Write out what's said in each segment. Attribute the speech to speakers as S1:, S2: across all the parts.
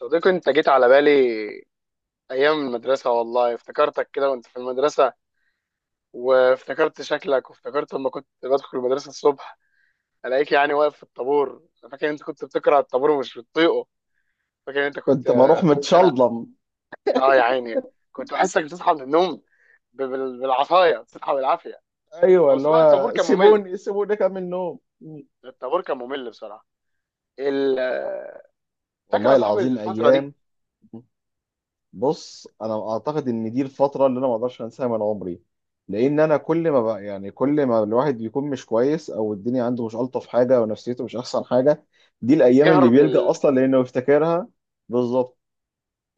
S1: صديقي، انت جيت على بالي ايام المدرسه. والله افتكرتك كده وانت في المدرسه. وافتكرت شكلك، وافتكرت لما كنت بدخل المدرسه الصبح الاقيك يعني واقف في الطابور. انا فاكر انت كنت بتكره الطابور ومش بتطيقه. فاكر انت كنت
S2: كنت بروح
S1: بتتخنق.
S2: متشلضم.
S1: اه يا عيني، كنت بحسك بتصحى من النوم بالعصايه بتصحى بالعافيه.
S2: ايوه،
S1: او
S2: اللي
S1: بصراحه الطابور
S2: هو
S1: كان ممل.
S2: سيبوني سيبوني كام النوم.
S1: الطابور كان ممل بصراحه. ال- آه، فاكر يا
S2: والله
S1: صاحبي
S2: العظيم
S1: الفتره دي.
S2: ايام. بص انا اعتقد ان دي الفتره اللي انا ما اقدرش انساها من عمري، لان انا كل ما بقى يعني كل ما الواحد بيكون مش كويس او الدنيا عنده مش الطف حاجه ونفسيته مش احسن حاجه، دي الايام اللي
S1: بيهرب
S2: بيلجأ
S1: لل.
S2: اصلا لانه يفتكرها. بالظبط.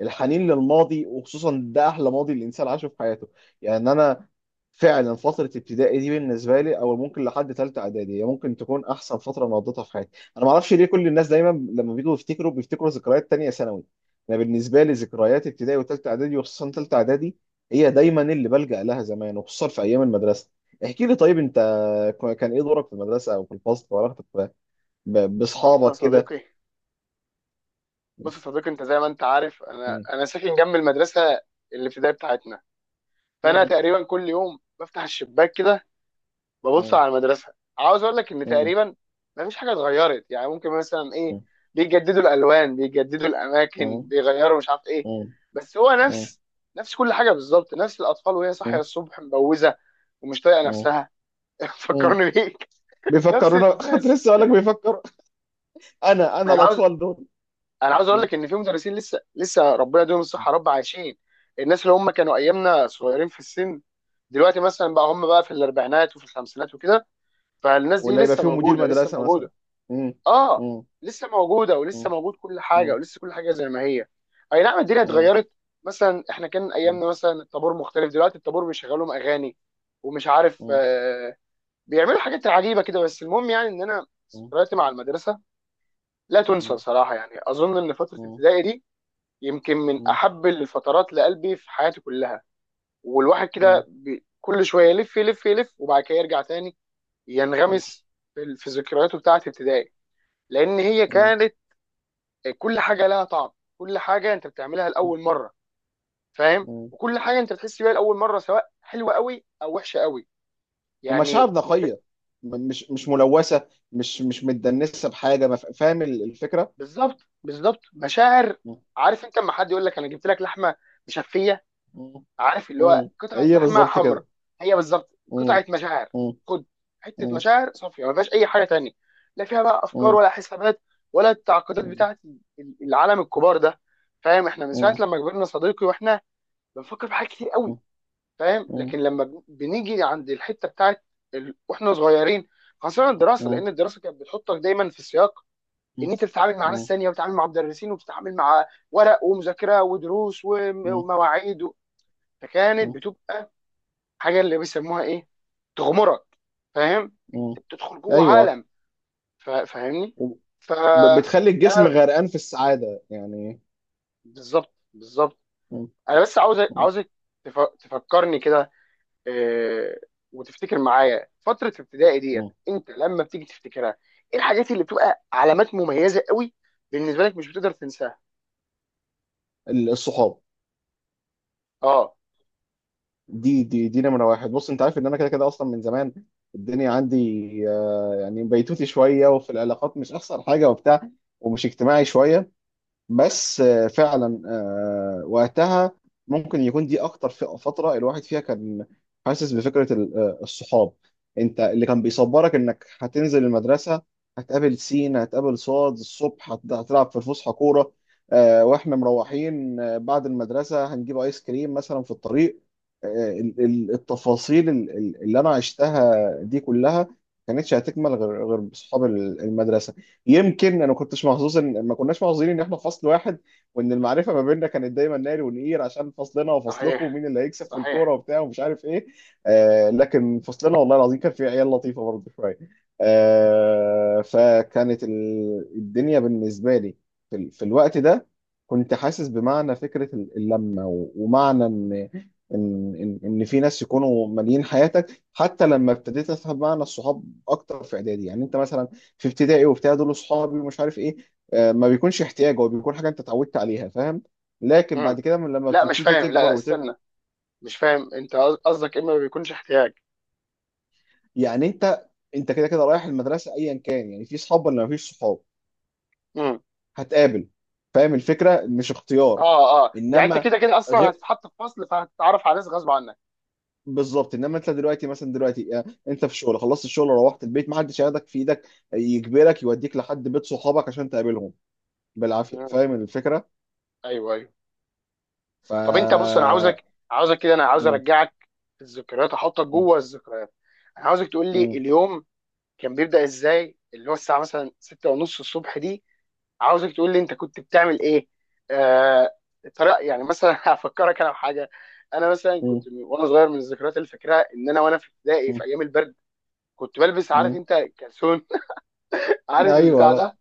S2: الحنين للماضي، وخصوصا ده احلى ماضي الانسان عاشه في حياته. يعني انا فعلا فتره ابتدائي دي بالنسبه لي، او ممكن لحد ثالثه اعدادي، هي ممكن تكون احسن فتره انا قضيتها في حياتي. انا ما اعرفش ليه كل الناس دايما لما بيجوا يفتكروا بيفتكروا ذكريات تانية ثانوي. انا بالنسبه لي ذكريات ابتدائي وثالثه اعدادي، وخصوصا ثالثه اعدادي، هي دايما اللي بلجأ لها زمان، وخصوصا في ايام المدرسه. احكي لي طيب انت، كان ايه دورك في المدرسه او في الفصل، وعلاقتك ب- ب-
S1: بص يا
S2: باصحابك كده؟
S1: صديقي، بص يا صديقي، انت زي ما انت عارف، انا
S2: مم.
S1: انا ساكن جنب المدرسه الابتدائيه بتاعتنا. فانا
S2: مم.
S1: تقريبا كل يوم بفتح الشباك كده، ببص
S2: مم.
S1: على المدرسه. عاوز اقول لك ان
S2: مم.
S1: تقريبا ما فيش حاجه اتغيرت، يعني ممكن مثلا ايه، بيجددوا الالوان، بيجددوا الاماكن،
S2: مم.
S1: بيغيروا مش عارف ايه.
S2: مم.
S1: بس هو
S2: اه.
S1: نفس كل حاجه بالظبط، نفس الاطفال وهي صاحيه
S2: اه.
S1: الصبح مبوزه ومش طايقه
S2: اه.
S1: نفسها.
S2: اه.
S1: فكرني بيك، نفس
S2: بيفكرونا كنت
S1: الناس.
S2: لسه اقول لك بيفكر. انا
S1: انا عاوز
S2: الاطفال دول.
S1: انا عاوز اقول
S2: م.
S1: لك ان في مدرسين لسه لسه ربنا يديهم الصحه يا رب عايشين، الناس اللي هم كانوا ايامنا صغيرين في السن، دلوقتي مثلا بقى هم بقى في الاربعينات وفي الخمسينات وكده. فالناس دي
S2: ولا يبقى
S1: لسه
S2: فيهم مدير
S1: موجوده، لسه
S2: مدرسه مثلا؟
S1: موجوده.
S2: م.
S1: اه،
S2: م.
S1: لسه موجوده،
S2: م.
S1: ولسه موجود كل حاجه،
S2: م.
S1: ولسه كل حاجه زي ما هي. اي نعم، الدنيا
S2: م.
S1: اتغيرت. مثلا احنا كان ايامنا مثلا الطابور مختلف، دلوقتي الطابور بيشغلوا لهم اغاني ومش عارف
S2: م.
S1: بيعملوا حاجات عجيبه كده. بس المهم يعني ان انا
S2: م. م.
S1: ذكرياتي مع المدرسه لا تنسى صراحه، يعني اظن ان فتره
S2: م.
S1: ابتدائي دي يمكن من
S2: م.
S1: احب الفترات لقلبي في حياتي كلها. والواحد
S2: م.
S1: كده كل شويه يلف يلف يلف وبعد كده يرجع تاني،
S2: م.
S1: ينغمس في ذكرياته بتاعه ابتدائي، لان هي
S2: م.
S1: كانت كل حاجه لها طعم، كل حاجه انت بتعملها لاول مره، فاهم،
S2: م.
S1: وكل حاجه انت بتحس بيها لاول مره، سواء حلوه قوي او وحشه قوي.
S2: ومشاعر
S1: يعني انت،
S2: نقيه، مش ملوثه مش متدنسه بحاجه ما، فاهم الفكره؟
S1: بالظبط، بالظبط، مشاعر.
S2: م.
S1: عارف انت لما حد يقول لك انا جبت لك لحمه مشفيه،
S2: م.
S1: عارف اللي هو
S2: م.
S1: قطعه
S2: هي
S1: لحمه
S2: بالظبط
S1: حمراء،
S2: كده.
S1: هي بالظبط
S2: م.
S1: قطعه مشاعر.
S2: م.
S1: خد حته
S2: م.
S1: مشاعر صافيه ما فيهاش اي حاجه تانية، لا فيها بقى افكار
S2: م.
S1: ولا حسابات ولا التعقيدات
S2: م.
S1: بتاعه العالم الكبار ده. فاهم؟ احنا من ساعه لما كبرنا صديقي واحنا بنفكر في حاجات كتير قوي. فاهم؟
S2: م.
S1: لكن لما بنيجي عند الحته بتاعه واحنا صغيرين، خاصه الدراسه،
S2: م.
S1: لان الدراسه كانت بتحطك دايما في السياق ان
S2: مم.
S1: انت بتتعامل مع ناس
S2: مم.
S1: ثانيه، وبتتعامل مع مدرسين، وبتتعامل مع ورق ومذاكره ودروس
S2: مم.
S1: ومواعيد. فكانت
S2: مم.
S1: بتبقى حاجه اللي بيسموها ايه، تغمرك. فاهم؟ انت
S2: مم.
S1: بتدخل جوه
S2: ايوه،
S1: عالم، فاهمني؟ ف
S2: بتخلي الجسم
S1: انا
S2: غرقان في السعاده يعني.
S1: بالظبط، بالظبط.
S2: مم.
S1: انا بس عاوز
S2: مم.
S1: عاوزك تفكرني كده، آه، وتفتكر معايا فتره ابتدائي ديت.
S2: مم.
S1: انت لما بتيجي تفتكرها ايه الحاجات اللي بتبقى علامات مميزه قوي بالنسبه لك مش بتقدر تنساها؟
S2: الصحاب،
S1: اه،
S2: دي نمره واحد. بص انت عارف ان انا كده كده اصلا من زمان الدنيا عندي يعني بيتوتي شويه، وفي العلاقات مش احسن حاجه وبتاع، ومش اجتماعي شويه، بس فعلا وقتها ممكن يكون دي اكتر فتره الواحد فيها كان حاسس بفكره الصحاب. انت اللي كان بيصبرك انك هتنزل المدرسه، هتقابل سين، هتقابل صاد الصبح، هتلعب في الفسحه كوره، واحنا مروحين بعد المدرسه هنجيب ايس كريم مثلا في الطريق. التفاصيل اللي انا عشتها دي كلها، ما كانتش هتكمل غير بصحاب المدرسه. يمكن انا ما كنتش محظوظ ان ما كناش محظوظين ان احنا في فصل واحد، وان المعرفه ما بيننا كانت دايما ناري ونقير عشان فصلنا وفصلكم
S1: صحيح،
S2: ومين اللي هيكسب في الكوره
S1: صحيح.
S2: وبتاع ومش عارف ايه. آه، لكن فصلنا والله العظيم كان فيه عيال لطيفه برضه شويه. آه، فكانت الدنيا بالنسبه لي في الوقت ده كنت حاسس بمعنى فكره اللمه ومعنى ان ان ان إن في ناس يكونوا ماليين حياتك، حتى لما ابتديت افهم معنى الصحاب اكتر في اعدادي. يعني انت مثلا في ابتدائي وبتاع دول اصحابي ومش عارف ايه، ما بيكونش احتياج، هو بيكون حاجه انت اتعودت عليها، فاهم؟ لكن
S1: مم.
S2: بعد كده من لما
S1: لا مش
S2: بتبتدي
S1: فاهم، لا
S2: تكبر
S1: لا استنى، مش فاهم انت قصدك اما ما بيكونش احتياج.
S2: يعني انت كده كده رايح المدرسه ايا كان، يعني في صحاب ولا ما فيش صحاب
S1: مم.
S2: هتقابل، فاهم الفكره؟ مش اختيار.
S1: اه، اه، يعني انت
S2: انما
S1: كده كده اصلا
S2: غير،
S1: هتتحط في فصل فهتتعرف على ناس غصب عنك.
S2: بالظبط، انما انت دلوقتي مثلا، دلوقتي انت في شغل، خلصت الشغل، روحت البيت، ما حدش هياخدك في ايدك يجبرك يوديك لحد بيت صحابك عشان تقابلهم بالعافيه،
S1: مم.
S2: فاهم الفكره؟
S1: ايوه، ايوه.
S2: ف
S1: طب انت بص، انا عاوزك كده، انا عاوز
S2: م-
S1: ارجعك في الذكريات، احطك
S2: م-
S1: جوه الذكريات. انا عاوزك تقول لي،
S2: م-
S1: اليوم كان بيبدأ ازاي؟ اللي هو الساعه مثلا 6 ونص الصبح دي. عاوزك تقول لي انت كنت بتعمل ايه، آه الطريقه، يعني مثلا هفكرك انا بحاجه. انا مثلا وانا صغير من الذكريات اللي فاكرها ان انا وانا في ابتدائي
S2: م-
S1: في ايام البرد كنت بلبس، عارف
S2: مم.
S1: انت، كلسون. عارف البتاع
S2: ايوه.
S1: ده؟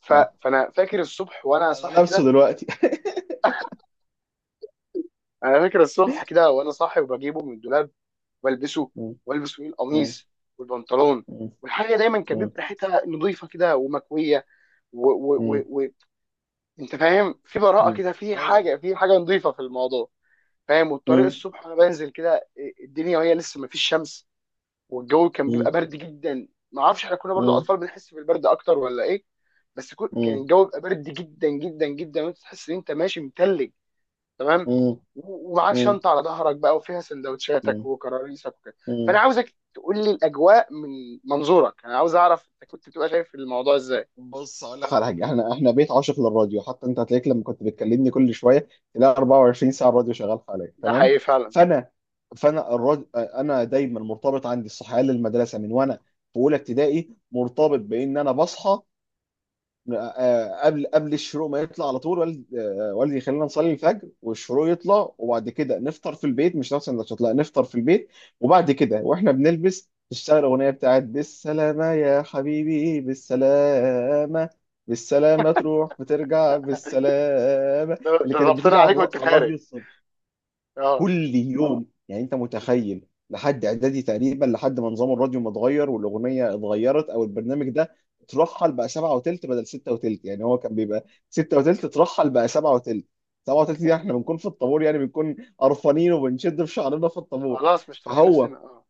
S1: ف...
S2: آه.
S1: فانا فاكر الصبح وانا
S2: انا
S1: صاحي
S2: لابسه
S1: كده.
S2: دلوقتي
S1: انا فاكر الصبح كده وانا صاحي وبجيبه من الدولاب والبسه،
S2: مم.
S1: والبس فيه
S2: مم.
S1: القميص والبنطلون،
S2: مم.
S1: والحاجه دايما كان
S2: مم.
S1: بيبقى ريحتها نظيفه كده ومكويه. و... و...
S2: مم.
S1: و... و... انت فاهم؟ في براءه
S2: مم.
S1: كده، في
S2: ايوه.
S1: حاجه في حاجه نظيفه في الموضوع. فاهم؟ والطريق
S2: مم.
S1: الصبح وانا بنزل كده، الدنيا وهي لسه ما فيش شمس، والجو كان بيبقى
S2: مم.
S1: برد جدا. ما اعرفش احنا كنا برضو
S2: مم.
S1: اطفال بنحس بالبرد اكتر ولا ايه، بس كان
S2: مم.
S1: الجو بيبقى برد جدا جدا جدا، وانت تحس ان انت ماشي متلج. تمام.
S2: مم.
S1: و- ومعاك
S2: مم.
S1: شنطه على ظهرك بقى وفيها سندوتشاتك
S2: مم.
S1: وكراريسك وكده. فانا
S2: مم.
S1: عاوزك تقول لي الاجواء من منظورك، انا عاوز اعرف انت كنت بتبقى شايف الموضوع ازاي.
S2: بص اقول لك اخر حاجه، احنا احنا بيت عاشق للراديو، حتى انت هتلاقيك لما كنت بتكلمني كل شويه تلاقي 24 ساعه الراديو شغال حواليا،
S1: ده
S2: تمام؟
S1: حقيقي فعلا.
S2: فانا فانا الراديو انا دايما مرتبط عندي الصحيان للمدرسه من وانا في اولى ابتدائي، مرتبط بان انا بصحى قبل الشروق ما يطلع على طول، والدي والدي يخلينا نصلي الفجر، والشروق يطلع وبعد كده نفطر في البيت، مش نفس السندوتشات، لا، نفطر في البيت. وبعد كده واحنا بنلبس تشتغل اغنيه بتاعت بالسلامه يا حبيبي بالسلامه، بالسلامه تروح وترجع بالسلامه،
S1: ده
S2: اللي
S1: ده
S2: كانت
S1: ضبطنا
S2: بتيجي على
S1: عليك وانت
S2: على
S1: خارج.
S2: الراديو
S1: اه،
S2: كل يوم. يعني انت متخيل لحد اعدادي تقريبا، لحد ما نظام الراديو ما اتغير والاغنيه اتغيرت او البرنامج ده اترحل بقى 7:20 بدل 6:20. يعني هو كان بيبقى 6:20، اترحل بقى سبعة وتلت. 7:20 دي احنا بنكون في الطابور، يعني بنكون قرفانين وبنشد في شعرنا في الطابور.
S1: خلاص مش طايقين
S2: فهو
S1: نفسنا. اه،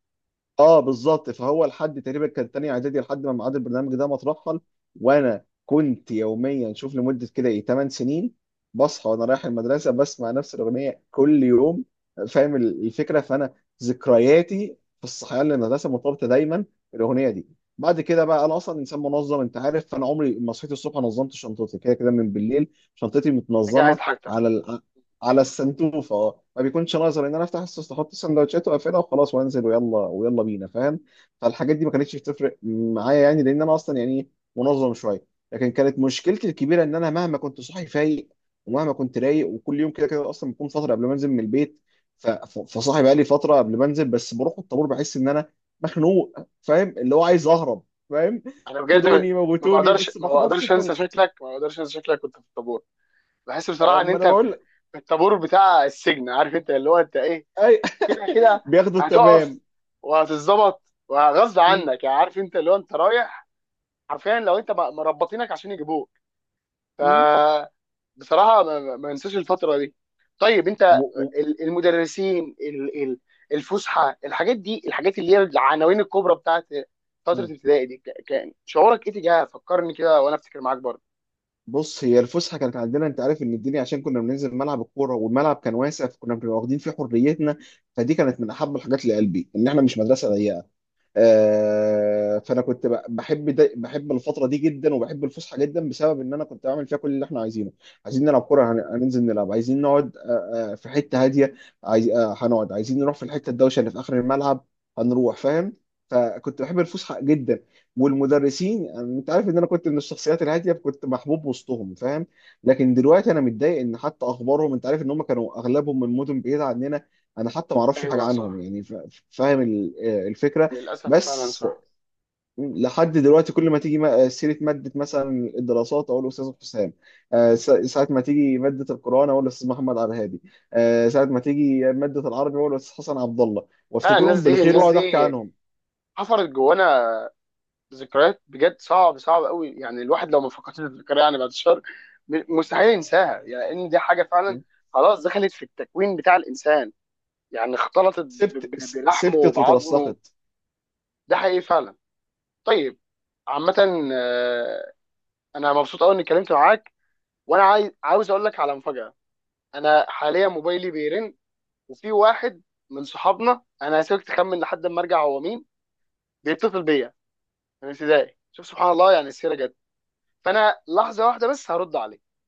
S2: اه بالظبط، فهو لحد تقريبا كان تاني اعدادي لحد ما ميعاد البرنامج ده ما اترحل. وانا كنت يوميا شوف لمده كده ايه 8 سنين بصحى وانا رايح المدرسه بسمع نفس الاغنيه كل يوم. فاهم الفكره؟ فانا ذكرياتي في الصحيان للمدرسه مرتبطه دايما بالاغنيه دي. بعد كده بقى، انا اصلا انسان منظم انت عارف، فانا عمري ما صحيت الصبح نظمت شنطتي، كده كده من بالليل شنطتي
S1: نجهز
S2: متنظمه
S1: حاجتك.
S2: على السنتوفه. اه، ما بيكونش ناظر ان انا افتح السوست احط السندوتشات واقفلها وخلاص وانزل ويلا ويلا بينا، فاهم؟ فالحاجات دي ما كانتش بتفرق معايا، يعني لان انا اصلا يعني منظم شويه. لكن كانت مشكلتي الكبيره ان انا مهما كنت صاحي فايق، ومهما كنت رايق وكل يوم كده كده اصلا بكون فتره قبل ما انزل من البيت، فصاحي بقى لي فتره قبل ما انزل، بس بروح الطابور بحس ان انا مخنوق، فاهم اللي هو عايز اهرب، فاهم؟
S1: انا بجد،
S2: خدوني
S1: ما
S2: موتوني
S1: بقدرش
S2: بس
S1: ما
S2: ما احضرش
S1: بقدرش انسى
S2: الطابور.
S1: شكلك، ما بقدرش انسى شكلك كنت في الطابور. بحس
S2: أه،
S1: بصراحه ان
S2: ما انا
S1: انت في
S2: بقول.
S1: في الطابور بتاع السجن، عارف انت اللي هو انت ايه،
S2: اي.
S1: كده كده
S2: بياخدوا،
S1: هتقف،
S2: تمام.
S1: وهتتظبط، وغصب عنك، يعني عارف انت اللي هو انت رايح حرفيا، لو انت مربطينك عشان يجيبوك. ف
S2: و-
S1: بصراحه ما انساش الفتره دي. طيب، انت
S2: و- و-
S1: المدرسين، الفسحه، الحاجات دي، الحاجات اللي هي العناوين الكبرى بتاعت فتره
S2: مم.
S1: ابتدائي دي، كان شعورك ايه تجاهها؟ فكرني كده وانا افتكر معاك برضه.
S2: بص، هي الفسحه كانت عندنا انت عارف ان الدنيا، عشان كنا بننزل ملعب الكوره والملعب كان واسع، فكنا بنبقى واخدين فيه حريتنا. فدي كانت من احب الحاجات لقلبي، ان احنا مش مدرسه ضيقه. فانا كنت بحب الفتره دي جدا، وبحب الفسحه جدا بسبب ان انا كنت بعمل فيها كل اللي احنا عايزينه. عايزين نلعب كوره هننزل نلعب، عايزين نقعد في حته هاديه، عايز هنقعد، عايزين نروح في الحته الدوشه اللي في اخر الملعب هنروح، فاهم؟ فكنت بحب الفسحه جدا. والمدرسين يعني انت عارف ان انا كنت من الشخصيات الهاديه، كنت محبوب وسطهم فاهم، لكن دلوقتي انا متضايق ان حتى اخبارهم، انت عارف ان هم كانوا اغلبهم من مدن بعيده عننا، انا حتى ما اعرفش حاجه
S1: ايوه،
S2: عنهم.
S1: صح.
S2: يعني فاهم الفكره؟
S1: للاسف فعلا،
S2: بس
S1: صح.
S2: لحد دلوقتي كل ما تيجي سيرة مادة مثلا الدراسات أقول الأستاذ حسام، ساعة ما تيجي مادة القرآن أقول الأستاذ محمد عبد الهادي، ساعة ما تيجي مادة العربي أقول الأستاذ حسن عبد الله،
S1: فعلا، الناس
S2: وافتكرهم
S1: دي،
S2: بالخير
S1: الناس
S2: وأقعد أحكي
S1: دي
S2: عنهم.
S1: حفرت جوانا ذكريات، بجد صعب، صعب قوي، يعني الواحد لو ما فكرش يفتكرها، يعني بعد الشر، مستحيل ينساها. يعني ان دي حاجه فعلا خلاص دخلت في التكوين بتاع الانسان، يعني اختلطت بلحمه
S2: سبتت
S1: وبعظمه.
S2: وترسخت.
S1: ده حقيقي فعلا. طيب، عامه، آه، انا مبسوط قوي اني اتكلمت معاك، وانا عاوز اقول لك على مفاجاه. انا حاليا موبايلي بيرن، وفي واحد من صحابنا، انا هسيبك تخمن لحد ما ارجع هو مين بيتصل بيا، من ابتدائي. شوف سبحان الله، يعني السيره جت. فانا لحظه واحده بس، هرد عليه.